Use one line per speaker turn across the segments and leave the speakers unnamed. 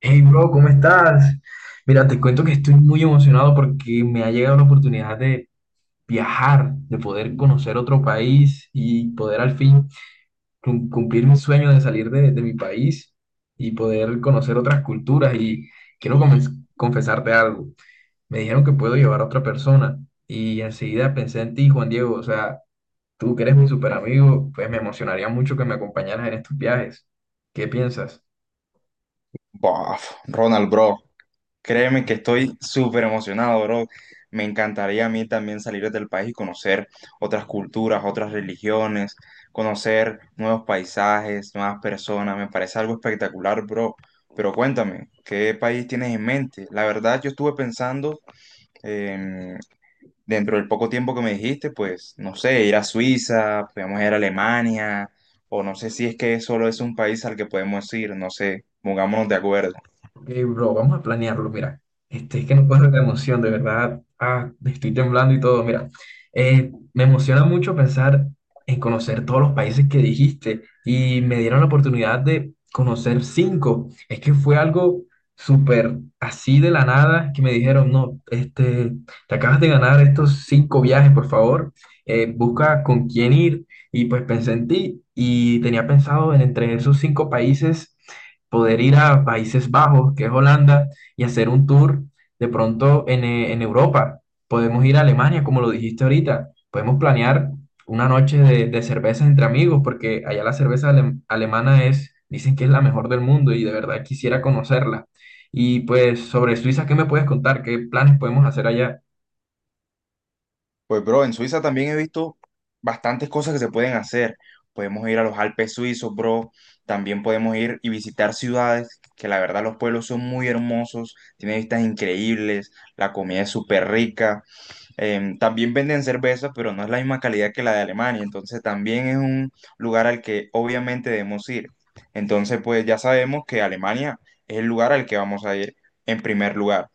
Hey, bro, ¿cómo estás? Mira, te cuento que estoy muy emocionado porque me ha llegado la oportunidad de viajar, de poder conocer otro país y poder al fin cumplir mi sueño de salir de mi país y poder conocer otras culturas. Y quiero confesarte algo. Me dijeron que puedo llevar a otra persona y enseguida pensé en ti, Juan Diego. O sea, tú que eres mi super amigo, pues me emocionaría mucho que me acompañaras en estos viajes. ¿Qué piensas?
Bof, Ronald, bro, créeme que estoy súper emocionado, bro. Me encantaría a mí también salir del país y conocer otras culturas, otras religiones, conocer nuevos paisajes, nuevas personas. Me parece algo espectacular, bro. Pero cuéntame, ¿qué país tienes en mente? La verdad, yo estuve pensando, em, dentro del poco tiempo que me dijiste, pues, no sé, ir a Suiza, podemos ir a Alemania, o no sé si es que solo es un país al que podemos ir, no sé, pongámonos de acuerdo.
Ok, bro, vamos a planearlo, mira. Es que no puedo de la emoción, de verdad. Ah, estoy temblando y todo, mira. Me emociona mucho pensar en conocer todos los países que dijiste y me dieron la oportunidad de conocer cinco. Es que fue algo súper así de la nada que me dijeron, no, te acabas de ganar estos cinco viajes, por favor. Busca con quién ir. Y pues pensé en ti y tenía pensado en entre esos cinco países poder ir a Países Bajos, que es Holanda, y hacer un tour de pronto en Europa. Podemos ir a Alemania, como lo dijiste ahorita. Podemos planear una noche de cervezas entre amigos, porque allá la cerveza alemana es, dicen que es la mejor del mundo y de verdad quisiera conocerla. Y pues sobre Suiza, ¿qué me puedes contar? ¿Qué planes podemos hacer allá?
Pues bro, en Suiza también he visto bastantes cosas que se pueden hacer. Podemos ir a los Alpes suizos, bro. También podemos ir y visitar ciudades que la verdad los pueblos son muy hermosos, tienen vistas increíbles, la comida es súper rica. También venden cerveza, pero no es la misma calidad que la de Alemania. Entonces también es un lugar al que obviamente debemos ir. Entonces pues ya sabemos que Alemania es el lugar al que vamos a ir en primer lugar.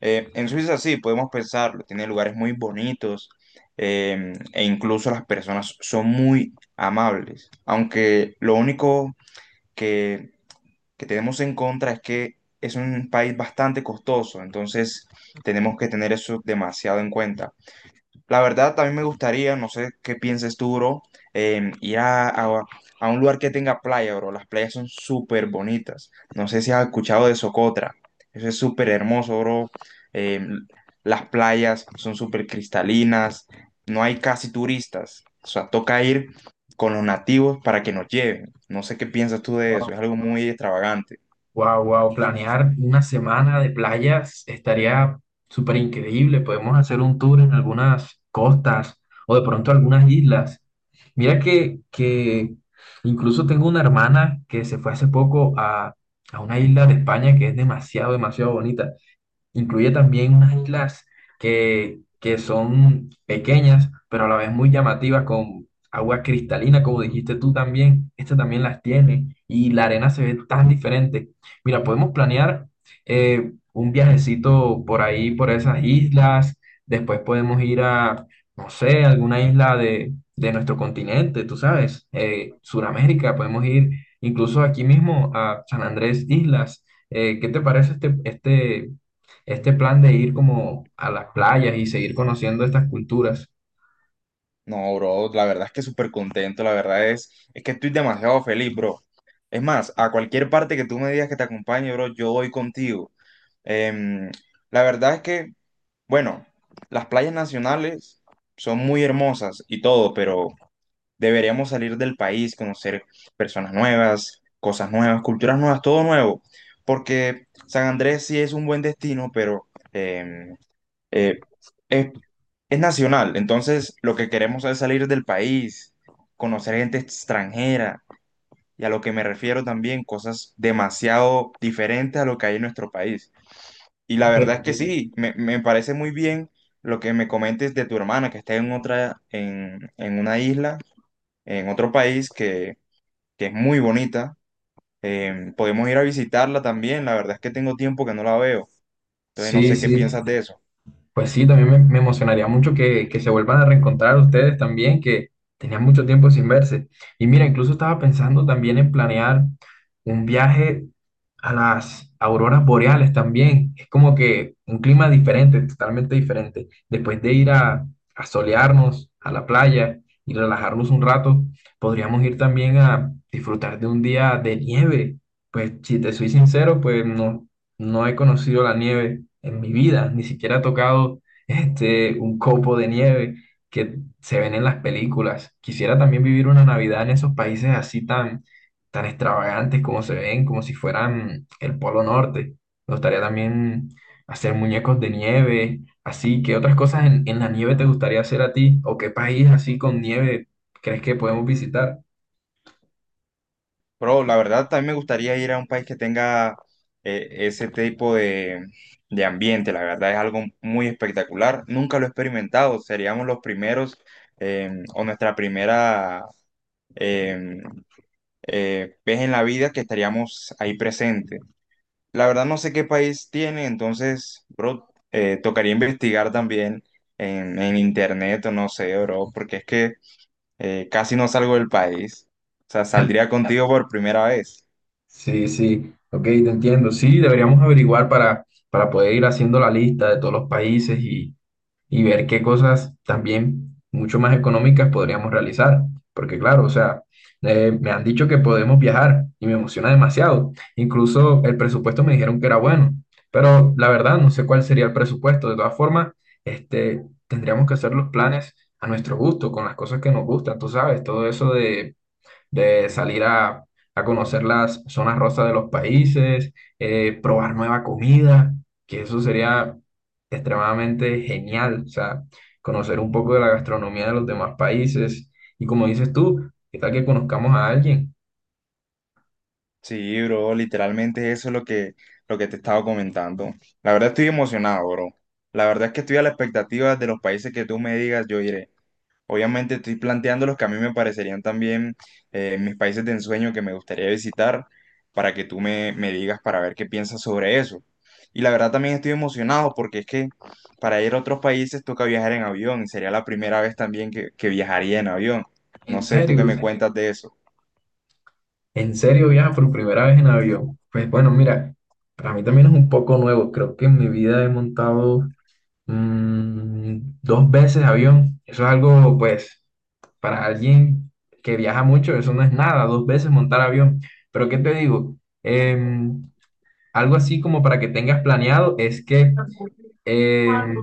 En Suiza sí, podemos pensarlo, tiene lugares muy bonitos e incluso las personas son muy amables, aunque lo único que, que tenemos en contra es que es un país bastante costoso, entonces tenemos que tener eso demasiado en cuenta. La verdad, también me gustaría, no sé qué pienses tú, bro, ir a un lugar que tenga playa, bro. Las playas son súper bonitas. No sé si has escuchado de Socotra. Eso es súper hermoso, bro. Em, las playas son súper cristalinas. No hay casi turistas. O sea, toca ir con los nativos para que nos lleven. No sé qué piensas tú de eso. Es algo muy extravagante.
Wow, wow, planear una semana de playas estaría súper increíble. Podemos hacer un tour en algunas costas o de pronto algunas islas. Mira que incluso tengo una hermana que se fue hace poco a una isla de España que es demasiado, demasiado bonita. Incluye también unas islas que son pequeñas, pero a la vez muy llamativas, con agua cristalina, como dijiste tú también. Este también las tiene y la arena se ve tan diferente. Mira, podemos planear un viajecito por ahí, por esas islas. Después podemos ir a, no sé, alguna isla de nuestro continente, tú sabes, Sudamérica. Podemos ir incluso aquí mismo a San Andrés Islas. ¿Qué te parece este plan de ir como a las playas y seguir conociendo estas culturas?
No, bro, la verdad es que súper contento, la verdad es que estoy demasiado feliz, bro. Es más, a cualquier parte que tú me digas que te acompañe, bro, yo voy contigo. Em, la verdad es que, bueno, las playas nacionales son muy hermosas y todo, pero deberíamos salir del país, conocer personas nuevas, cosas nuevas, culturas nuevas, todo nuevo, porque San Andrés sí es un buen destino, pero em, eh, es nacional, entonces lo que queremos es salir del país, conocer gente extranjera y a lo que me refiero también, cosas demasiado diferentes a lo que hay en nuestro país. Y la
Ok,
verdad es
ok.
que sí, me parece muy bien lo que me comentes de tu hermana que está en otra, en una isla, en otro país que es muy bonita. Podemos ir a visitarla también, la verdad es que tengo tiempo que no la veo, entonces no
Sí,
sé qué
sí.
piensas de eso.
Pues sí, también me emocionaría mucho que se vuelvan a reencontrar ustedes también, que tenían mucho tiempo sin verse. Y mira, incluso estaba pensando también en planear un viaje a las auroras boreales también. Es como que un clima diferente, totalmente diferente. Después de ir a, solearnos a la playa y relajarnos un rato, podríamos ir también a disfrutar de un día de nieve. Pues si te soy sincero, pues no, no he conocido la nieve en mi vida, ni siquiera he tocado un copo de nieve que se ven en las películas. Quisiera también vivir una Navidad en esos países así tan, tan extravagantes como se ven, como si fueran el Polo Norte. Me gustaría también hacer muñecos de nieve, así. ¿Qué otras cosas en la nieve te gustaría hacer a ti? ¿O qué país así con nieve crees que podemos visitar?
Pero la verdad también me gustaría ir a un país que tenga ese tipo de ambiente. La verdad es algo muy espectacular. Nunca lo he experimentado. Seríamos los primeros o nuestra primera eh, vez en la vida que estaríamos ahí presentes. La verdad no sé qué país tiene, entonces, bro, tocaría investigar también en internet o no sé, bro, porque es que casi no salgo del país. O sea, saldría contigo por primera vez.
Sí, sí, ok, te entiendo. Sí, deberíamos averiguar para poder ir haciendo la lista de todos los países y ver qué cosas también mucho más económicas podríamos realizar. Porque claro, o sea, me han dicho que podemos viajar y me emociona demasiado. Incluso el presupuesto me dijeron que era bueno, pero la verdad no sé cuál sería el presupuesto. De todas formas, este, tendríamos que hacer los planes a nuestro gusto, con las cosas que nos gustan, tú sabes, todo eso de salir a, conocer las zonas rosas de los países, probar nueva comida, que eso sería extremadamente genial, o sea, conocer un poco de la gastronomía de los demás países. Y como dices tú, ¿qué tal que conozcamos a alguien?
Sí, bro, literalmente eso es lo que te estaba comentando. La verdad estoy emocionado, bro. La verdad es que estoy a la expectativa de los países que tú me digas, yo iré. Obviamente estoy planteando los que a mí me parecerían también mis países de ensueño que me gustaría visitar para que tú me digas para ver qué piensas sobre eso. Y la verdad también estoy emocionado porque es que para ir a otros países toca viajar en avión. Sería la primera vez también que viajaría en avión. No
En
sé tú qué me
serio,
cuentas de eso.
en serio viaja por primera vez en avión. Pues bueno, mira, para mí también es un poco nuevo, creo que en mi vida he montado dos veces avión. Eso es algo, pues, para alguien que viaja mucho, eso no es nada, dos veces montar avión. Pero ¿qué te digo? Em, Algo así como para que tengas planeado es que eh,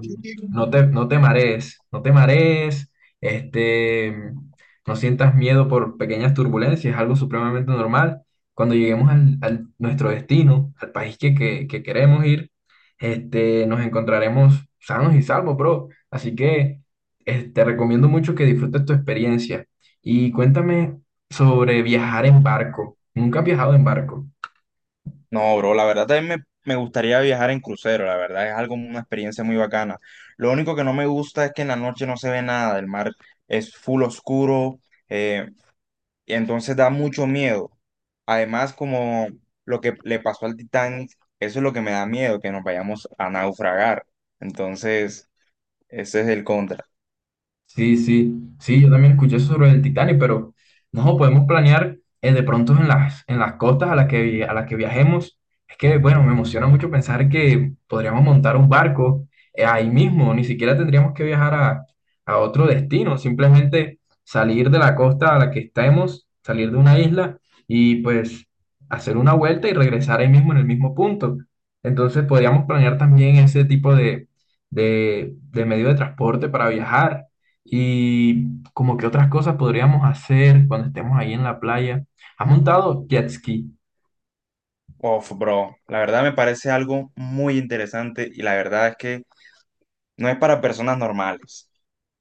no te marees, no te marees, este, no sientas miedo por pequeñas turbulencias, es algo supremamente normal. Cuando lleguemos nuestro destino, al país que queremos ir, nos encontraremos sanos y salvos, bro. Así que te recomiendo mucho que disfrutes tu experiencia. Y cuéntame sobre viajar en barco. Nunca has viajado en barco.
No, bro, la verdad también me gustaría viajar en crucero, la verdad es algo, una experiencia muy bacana. Lo único que no me gusta es que en la noche no se ve nada, el mar es full oscuro, eh, y entonces da mucho miedo. Además, como lo que le pasó al Titanic, eso es lo que me da miedo, que nos vayamos a naufragar. Entonces, ese es el contra.
Sí, sí, sí, yo también escuché eso sobre el Titanic, pero no podemos planear de pronto en las, costas a las que viajemos. Es que, bueno, me emociona mucho pensar que podríamos montar un barco ahí mismo, ni siquiera tendríamos que viajar a otro destino, simplemente salir de la costa a la que estemos, salir de una isla y pues hacer una vuelta y regresar ahí mismo en el mismo punto. Entonces podríamos planear también ese tipo de medio de transporte para viajar y como que otras cosas podríamos hacer cuando estemos ahí en la playa. ¿Has montado jet ski?
Uf, bro, la verdad me parece algo muy interesante y la verdad es que no es para personas normales.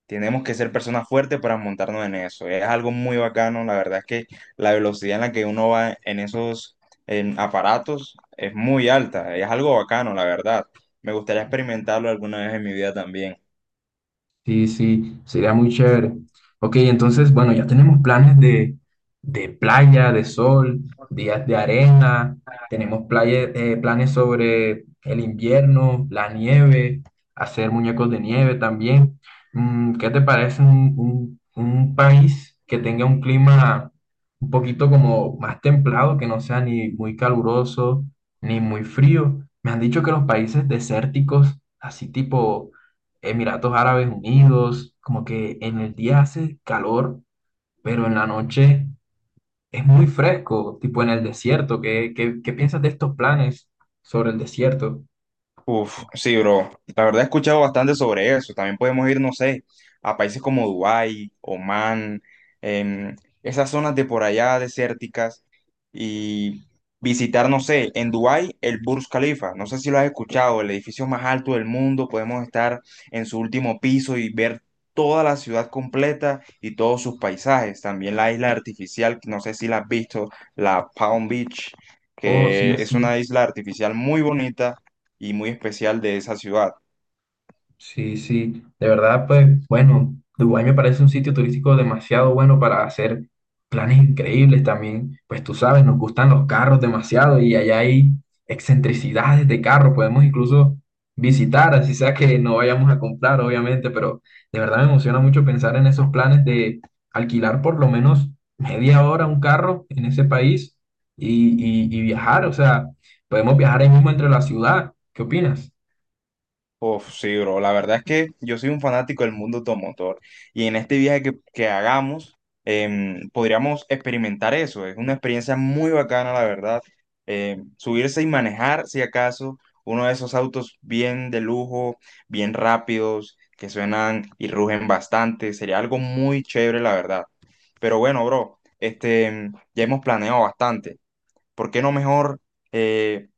Tenemos que ser personas fuertes para montarnos en eso. Es algo muy bacano. La verdad es que la velocidad en la que uno va en esos en aparatos es muy alta. Es algo bacano, la verdad. Me gustaría experimentarlo alguna vez en mi vida también.
Sí, sí, sería muy chévere. Ok, entonces, bueno, ya tenemos planes de playa, de sol, días de arena, tenemos planes sobre el invierno, la nieve, hacer muñecos de nieve también. ¿Qué te parece un país que tenga un clima un poquito como más templado, que no sea ni muy caluroso ni muy frío? Me han dicho que los países desérticos, así tipo… Emiratos Árabes Unidos, como que en el día hace calor, pero en la noche es muy fresco, tipo en el desierto. ¿Qué, qué, qué piensas de estos planes sobre el desierto?
Uf, sí, bro. La verdad he escuchado bastante sobre eso. También podemos ir, no sé, a países como Dubái, Omán, em, esas zonas de por allá desérticas y visitar, no sé, en Dubái el Burj Khalifa. No sé si lo has escuchado, el edificio más alto del mundo. Podemos estar en su último piso y ver toda la ciudad completa y todos sus paisajes. También la isla artificial, no sé si la has visto, la Palm Beach,
Oh, sí,
que es
sí.
una isla artificial muy bonita y muy especial de esa ciudad.
Sí, sí, de verdad, pues bueno, Dubái me parece un sitio turístico demasiado bueno para hacer planes increíbles también. Pues tú sabes, nos gustan los carros demasiado y allá hay excentricidades de carros, podemos incluso visitar, así sea que no vayamos a comprar, obviamente, pero de verdad me emociona mucho pensar en esos planes de alquilar por lo menos media hora un carro en ese país y viajar, o sea, podemos viajar ahí mismo entre la ciudad. ¿Qué opinas?
Uf, sí, bro, la verdad es que yo soy un fanático del mundo automotor y en este viaje que hagamos, podríamos experimentar eso. Es una experiencia muy bacana, la verdad. Subirse y manejar, si acaso, uno de esos autos bien de lujo, bien rápidos, que suenan y rugen bastante. Sería algo muy chévere, la verdad. Pero bueno, bro, este, ya hemos planeado bastante. ¿Por qué no mejor... eh,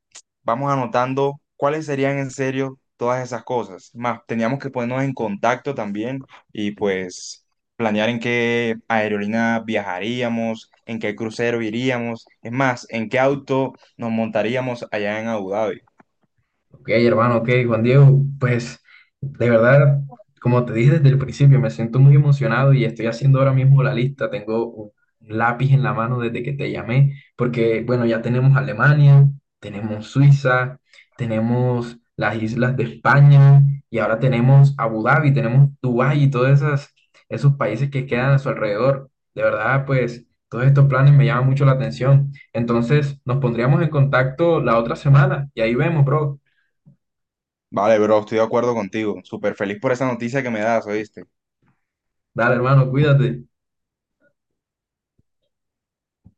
vamos anotando cuáles serían en serio todas esas cosas. Más, teníamos que ponernos en contacto también y pues planear en qué aerolínea viajaríamos, en qué crucero iríamos, es más, en qué auto nos montaríamos allá en Abu Dhabi.
Ok, hermano, ok, Juan Diego, pues de verdad, como te dije desde el principio, me siento muy emocionado y estoy haciendo ahora mismo la lista. Tengo un lápiz en la mano desde que te llamé, porque bueno, ya tenemos Alemania, tenemos Suiza, tenemos las islas de España y ahora tenemos Abu Dhabi, tenemos Dubái y todos esos países que quedan a su alrededor. De verdad, pues todos estos planes me llaman mucho la atención. Entonces, nos pondríamos en contacto la otra semana y ahí vemos, bro.
Vale, bro, estoy de acuerdo contigo. Súper feliz por esa noticia que me das, ¿oíste?
Dale, hermano, cuídate.